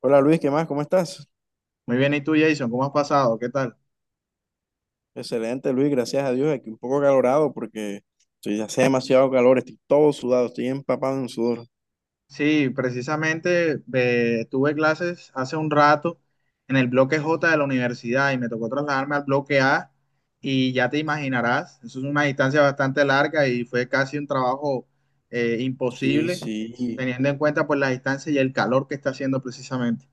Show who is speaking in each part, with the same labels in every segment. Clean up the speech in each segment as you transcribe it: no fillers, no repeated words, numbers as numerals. Speaker 1: Hola Luis, ¿qué más? ¿Cómo estás?
Speaker 2: Muy bien, ¿y tú, Jason? ¿Cómo has pasado? ¿Qué tal?
Speaker 1: Excelente Luis, gracias a Dios. Aquí un poco calorado porque hace demasiado calor, estoy todo sudado, estoy empapado en sudor.
Speaker 2: Sí, precisamente, tuve clases hace un rato en el bloque J de la universidad y me tocó trasladarme al bloque A y ya te imaginarás, eso es una distancia bastante larga y fue casi un trabajo
Speaker 1: Sí,
Speaker 2: imposible,
Speaker 1: sí,
Speaker 2: teniendo en cuenta pues la distancia y el calor que está haciendo precisamente.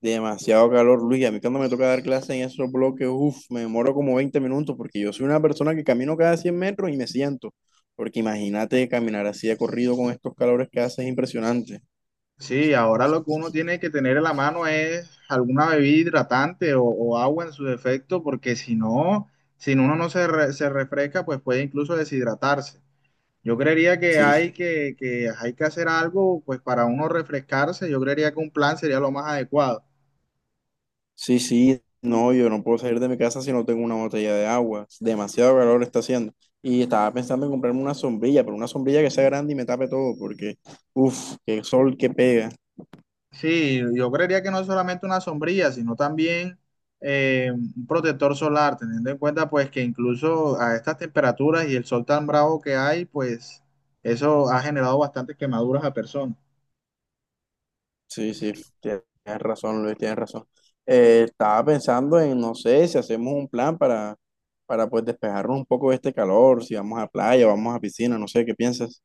Speaker 1: demasiado calor Luis. A mí cuando me toca dar clase en esos bloques, uff, me demoro como 20 minutos porque yo soy una persona que camino cada 100 metros y me siento. Porque imagínate caminar así de corrido con estos calores que hace es impresionante.
Speaker 2: Sí, ahora lo que uno tiene que tener en la mano es alguna bebida hidratante o agua en su defecto, porque si no, si uno no se refresca, pues puede incluso deshidratarse. Yo creería que
Speaker 1: Sí, sí.
Speaker 2: hay que hacer algo pues para uno refrescarse. Yo creería que un plan sería lo más adecuado.
Speaker 1: Sí, sí, no, yo no puedo salir de mi casa si no tengo una botella de agua. Demasiado calor está haciendo. Y estaba pensando en comprarme una sombrilla, pero una sombrilla que sea grande y me tape todo, porque uff, qué sol que pega.
Speaker 2: Sí, yo creería que no es solamente una sombrilla, sino también un protector solar, teniendo en cuenta pues que incluso a estas temperaturas y el sol tan bravo que hay, pues eso ha generado bastantes quemaduras a personas.
Speaker 1: Sí, sí, tienes razón, Luis, tienes razón. Estaba pensando en, no sé, si hacemos un plan para, para despejarnos un poco de este calor, si vamos a playa, vamos a piscina, no sé, ¿qué piensas?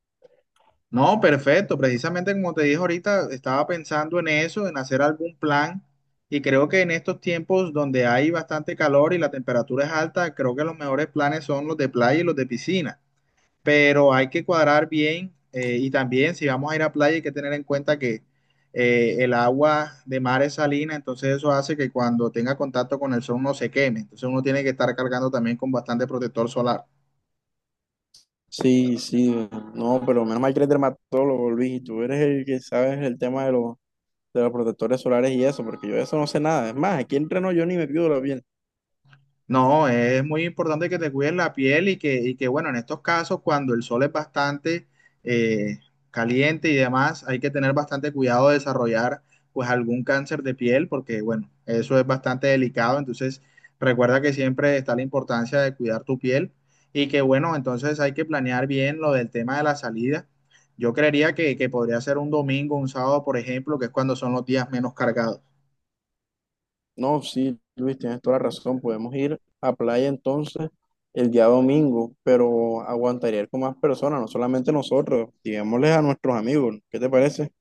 Speaker 2: No, perfecto. Precisamente como te dije ahorita, estaba pensando en eso, en hacer algún plan. Y creo que en estos tiempos donde hay bastante calor y la temperatura es alta, creo que los mejores planes son los de playa y los de piscina. Pero hay que cuadrar bien, y también si vamos a ir a playa hay que tener en cuenta que el agua de mar es salina, entonces eso hace que cuando tenga contacto con el sol no se queme, entonces uno tiene que estar cargando también con bastante protector solar.
Speaker 1: Sí, sí, no, pero menos mal que eres dermatólogo, Luis, y tú eres el que sabes el tema de los protectores solares y eso, porque yo de eso no sé nada. Es más, aquí entreno yo ni me la bien.
Speaker 2: No, es muy importante que te cuides la piel y que, bueno, en estos casos, cuando el sol es bastante eh, caliente y demás, hay que tener bastante cuidado de desarrollar, pues, algún cáncer de piel, porque, bueno, eso es bastante delicado. Entonces, recuerda que siempre está la importancia de cuidar tu piel y que, bueno, entonces hay que planear bien lo del tema de la salida. Yo creería que podría ser un domingo, un sábado, por ejemplo, que es cuando son los días menos cargados.
Speaker 1: No, sí, Luis, tienes toda la razón. Podemos ir a playa entonces el día domingo, pero aguantaría ir con más personas, no solamente nosotros, digámosles a nuestros amigos. ¿Qué te parece?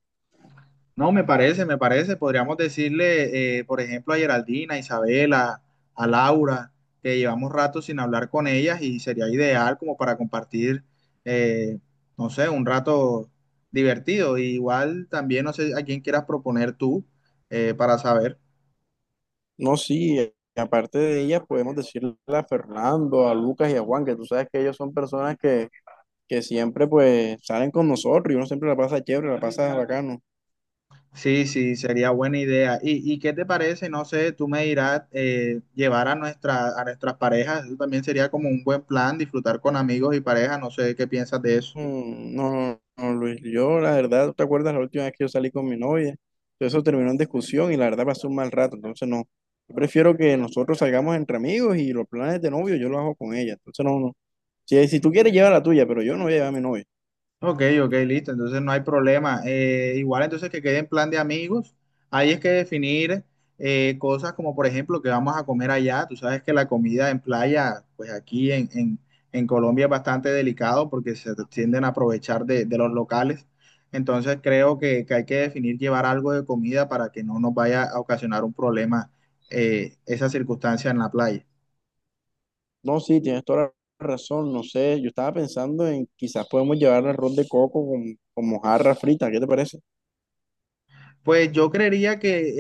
Speaker 2: No, me parece, me parece. Podríamos decirle, por ejemplo, a Geraldina, a Isabela, a Laura, que llevamos rato sin hablar con ellas y sería ideal como para compartir, eh, no sé, un rato divertido. Y igual también, no sé a quién quieras proponer tú, para saber.
Speaker 1: No, sí, aparte de ellas, podemos decirle a Fernando, a Lucas y a Juan, que tú sabes que ellos son personas que, que siempre salen con nosotros y uno siempre la pasa chévere, la pasa bacano.
Speaker 2: Sí, sí, sería buena idea. ¿Y qué te parece? No sé, tú me dirás llevar a nuestras parejas. Eso también sería como un buen plan, disfrutar con amigos y parejas. No sé qué piensas de eso.
Speaker 1: No, no, no, Luis, yo la verdad, ¿te acuerdas la última vez que yo salí con mi novia? Todo eso terminó en discusión y la verdad pasó un mal rato, entonces no. Yo prefiero que nosotros salgamos entre amigos y los planes de novio yo los hago con ella, entonces no, no. Si tú quieres lleva la tuya, pero yo no voy a llevar a mi novia.
Speaker 2: Ok, ok, listo, entonces no hay problema. Igual entonces que quede en plan de amigos, ahí es que definir cosas como por ejemplo que vamos a comer allá. Tú sabes que la comida en playa, pues aquí en Colombia es bastante delicado porque se tienden a aprovechar de los locales. Entonces creo que hay que definir llevar algo de comida para que no nos vaya a ocasionar un problema esa circunstancia en la playa.
Speaker 1: No, sí, tienes toda la razón, no sé, yo estaba pensando en quizás podemos llevar arroz de coco con mojarra frita, ¿qué te parece?
Speaker 2: Pues yo creería que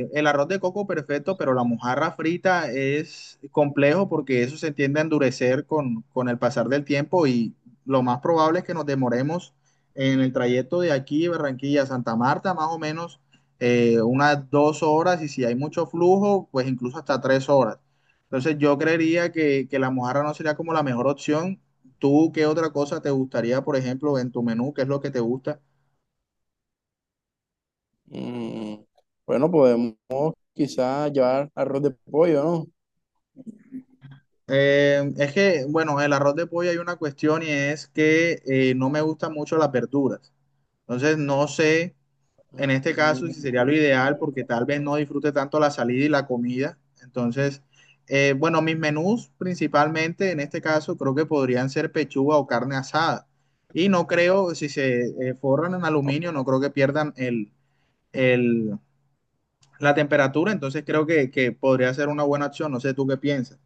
Speaker 2: el arroz de coco perfecto, pero la mojarra frita es complejo porque eso se tiende a endurecer con el pasar del tiempo y lo más probable es que nos demoremos en el trayecto de aquí, Barranquilla a Santa Marta, más o menos unas 2 horas y si hay mucho flujo, pues incluso hasta 3 horas. Entonces yo creería que la mojarra no sería como la mejor opción. ¿Tú qué otra cosa te gustaría, por ejemplo, en tu menú? ¿Qué es lo que te gusta?
Speaker 1: Mm, bueno, podemos quizás llevar arroz de pollo, ¿no?
Speaker 2: Es que, bueno, el arroz de pollo hay una cuestión y es que no me gustan mucho las verduras. Entonces, no sé en este caso
Speaker 1: Mm.
Speaker 2: si sería lo ideal porque tal vez no disfrute tanto la salida y la comida. Entonces, bueno, mis menús principalmente en este caso creo que podrían ser pechuga o carne asada. Y no creo, si se forran en aluminio, no creo que pierdan el- la temperatura. Entonces, creo que podría ser una buena opción. No sé tú qué piensas.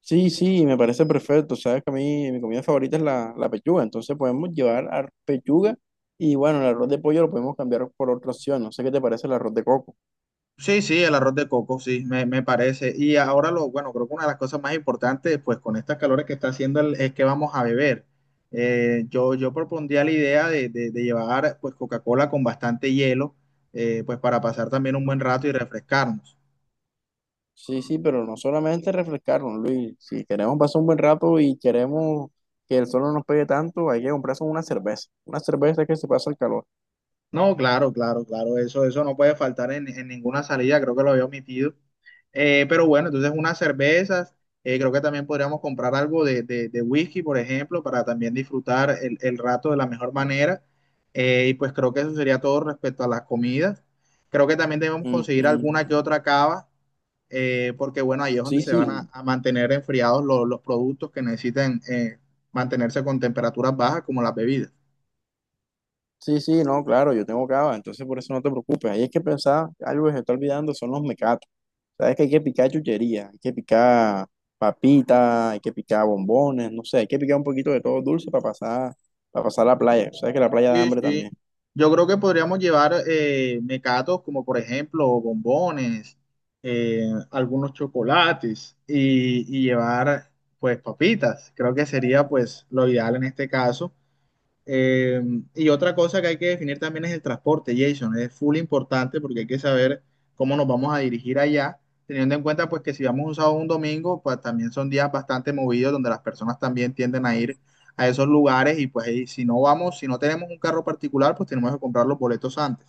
Speaker 1: Sí, sí, me parece perfecto. Sabes que a mí mi comida favorita es la, la pechuga, entonces podemos llevar a pechuga y bueno, el arroz de pollo lo podemos cambiar por otra opción. No sé qué te parece el arroz de coco.
Speaker 2: Sí, sí, el arroz de coco, sí, me parece. Y ahora bueno, creo que una de las cosas más importantes, pues con estas calores que está haciendo es que vamos a beber. Yo propondría la idea de llevar pues Coca-Cola con bastante hielo, pues para pasar también un buen
Speaker 1: Ujú.
Speaker 2: rato y refrescarnos.
Speaker 1: Sí, sí, pero no solamente refrescarnos, Luis. Si queremos pasar un buen rato y queremos que el sol no nos pegue tanto, hay que comprarse una cerveza. Una cerveza que se pasa el calor.
Speaker 2: No, claro, claro, claro, eso no puede faltar en ninguna salida, creo que lo había omitido. Pero bueno, entonces unas cervezas, creo que también podríamos comprar algo de whisky, por ejemplo, para también disfrutar el rato de la mejor manera. Y pues creo que eso sería todo respecto a las comidas. Creo que también debemos
Speaker 1: Mm,
Speaker 2: conseguir alguna que
Speaker 1: mm,
Speaker 2: otra cava, porque bueno, ahí es donde
Speaker 1: sí,
Speaker 2: se van a,
Speaker 1: sí,
Speaker 2: a mantener enfriados los productos que necesitan mantenerse con temperaturas bajas, como las bebidas.
Speaker 1: sí, sí, no, claro, yo tengo cava, entonces por eso no te preocupes. Ahí es que pensaba, algo que se está olvidando son los mecatos. Sabes que hay que picar chuchería, hay que picar papitas, hay que picar bombones, no sé, hay que picar un poquito de todo dulce para pasar la playa. Sabes que la playa da
Speaker 2: Sí,
Speaker 1: hambre
Speaker 2: sí.
Speaker 1: también.
Speaker 2: Yo creo que podríamos llevar mecatos como por ejemplo bombones, algunos chocolates y llevar pues papitas. Creo que sería pues lo ideal en este caso. Eh, y otra cosa que hay que definir también es el transporte, Jason. Es full importante porque hay que saber cómo nos vamos a dirigir allá, teniendo en cuenta pues que si vamos un sábado o un domingo, pues también son días bastante movidos donde las personas también tienden a ir a esos lugares y pues ahí, si no vamos, si no tenemos un carro particular, pues tenemos que comprar los boletos antes.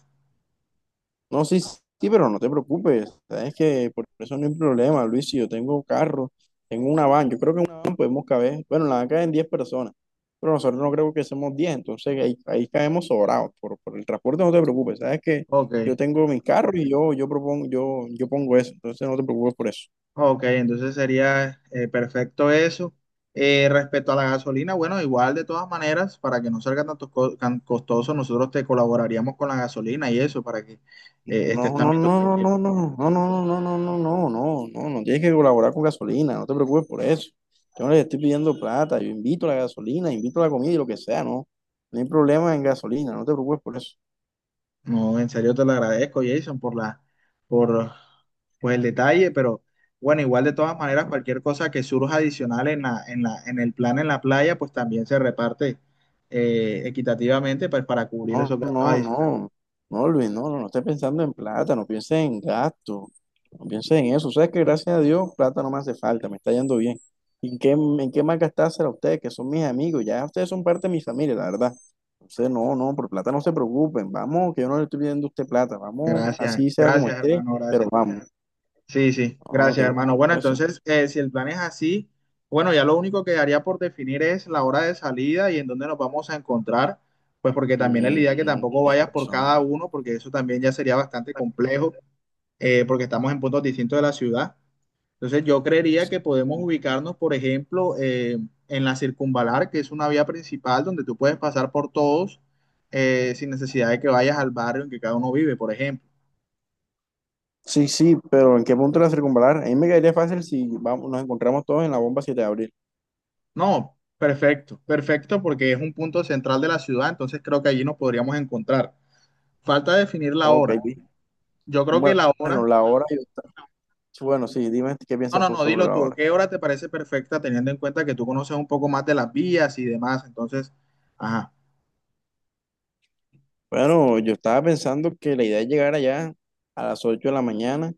Speaker 1: No, sí, sí, pero no te preocupes. Sabes que por eso no hay problema, Luis. Si yo tengo carro, tengo una van, yo creo que en una van podemos caber. Bueno, en la van caben 10 personas, pero nosotros no creo que seamos 10, entonces ahí, ahí caemos sobrados. Por el transporte no te preocupes. Sabes que yo
Speaker 2: Ok.
Speaker 1: tengo mi carro y yo, yo pongo eso, entonces no te preocupes por eso.
Speaker 2: Ok, entonces sería perfecto eso. Respecto a la gasolina, bueno, igual de todas maneras, para que no salga tan costoso, nosotros te colaboraríamos con la gasolina y eso, para que
Speaker 1: No,
Speaker 2: estés también
Speaker 1: no, no, no,
Speaker 2: tranquilo.
Speaker 1: no, no, no, no, no, no, no, no, no, no, no, no tienes que colaborar con gasolina, no te preocupes por eso. Yo no les estoy pidiendo plata, yo invito a la gasolina, invito a la comida y lo que sea, no. No hay problema en gasolina, no te preocupes por eso.
Speaker 2: No, en serio te lo agradezco, Jason, por la, por pues, el detalle, pero bueno, igual de todas maneras, cualquier cosa que surja adicional en el plan en la playa, pues también se reparte equitativamente pues, para cubrir
Speaker 1: No,
Speaker 2: esos gastos
Speaker 1: no,
Speaker 2: adicionales.
Speaker 1: no, no, Luis, no, no, no estés pensando en plata, no pienses en gasto, no pienses en eso. Sabes que gracias a Dios plata no me hace falta, me está yendo bien. ¿Y en qué más gastársela a ustedes, que son mis amigos? Ya ustedes son parte de mi familia, la verdad. Entonces, no, no, por plata no se preocupen, vamos, que yo no le estoy pidiendo a usted plata, vamos,
Speaker 2: Gracias,
Speaker 1: así sea como
Speaker 2: gracias,
Speaker 1: esté,
Speaker 2: hermano,
Speaker 1: pero
Speaker 2: gracias.
Speaker 1: vamos,
Speaker 2: Sí, sí,
Speaker 1: no, no te
Speaker 2: gracias, hermano.
Speaker 1: preocupes
Speaker 2: Bueno,
Speaker 1: por eso.
Speaker 2: entonces, si el plan es así, bueno, ya lo único que haría por definir es la hora de salida y en dónde nos vamos a encontrar, pues porque también es la
Speaker 1: Mm,
Speaker 2: idea que
Speaker 1: mm,
Speaker 2: tampoco
Speaker 1: tienes
Speaker 2: vayas por cada
Speaker 1: razón.
Speaker 2: uno, porque eso también ya sería bastante complejo, porque estamos en puntos distintos de la ciudad. Entonces, yo creería que podemos ubicarnos, por ejemplo, en la Circunvalar, que es una vía principal donde tú puedes pasar por todos sin necesidad de que vayas al barrio en que cada uno vive, por ejemplo.
Speaker 1: Sí, sí, pero ¿en qué punto la circunvalar? A mí me caería fácil si vamos, nos encontramos todos en la bomba 7 de abril.
Speaker 2: No, perfecto, perfecto, porque es un punto central de la ciudad, entonces creo que allí nos podríamos encontrar. Falta definir la
Speaker 1: Ok.
Speaker 2: hora. Yo creo que
Speaker 1: Bueno,
Speaker 2: la
Speaker 1: bueno,
Speaker 2: hora,
Speaker 1: la hora, bueno, sí, dime qué
Speaker 2: no,
Speaker 1: piensas
Speaker 2: no,
Speaker 1: tú
Speaker 2: no,
Speaker 1: sobre
Speaker 2: dilo
Speaker 1: la
Speaker 2: tú,
Speaker 1: hora.
Speaker 2: ¿qué hora te parece perfecta teniendo en cuenta que tú conoces un poco más de las vías y demás? Entonces, ajá,
Speaker 1: Bueno, yo estaba pensando que la idea es llegar allá a las 8 de la mañana,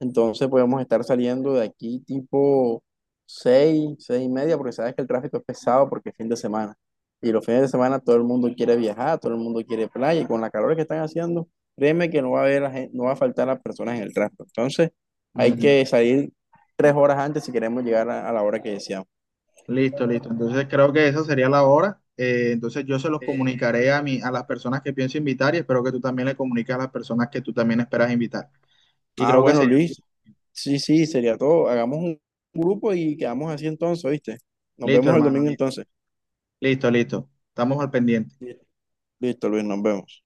Speaker 1: entonces podemos estar saliendo de aquí tipo 6, 6:30, porque sabes que el tráfico es pesado porque es fin de semana. Y los fines de semana todo el mundo quiere viajar, todo el mundo quiere playa, y con la calor que están haciendo, créeme que no va a haber, no va a faltar las personas en el tráfico. Entonces, hay
Speaker 2: ujú,
Speaker 1: que salir 3 horas antes si queremos llegar a la hora que deseamos.
Speaker 2: listo, listo. Entonces creo que esa sería la hora. Entonces yo se los comunicaré a las personas que pienso invitar y espero que tú también le comuniques a las personas que tú también esperas invitar. Y
Speaker 1: Ah,
Speaker 2: creo que
Speaker 1: bueno,
Speaker 2: sería,
Speaker 1: Luis, sí, sí, sería todo. Hagamos un grupo y quedamos así entonces, ¿viste? Nos
Speaker 2: listo,
Speaker 1: vemos el
Speaker 2: hermano,
Speaker 1: domingo
Speaker 2: listo,
Speaker 1: entonces.
Speaker 2: listo, listo. Estamos al pendiente.
Speaker 1: Sí. Listo, Luis, nos vemos.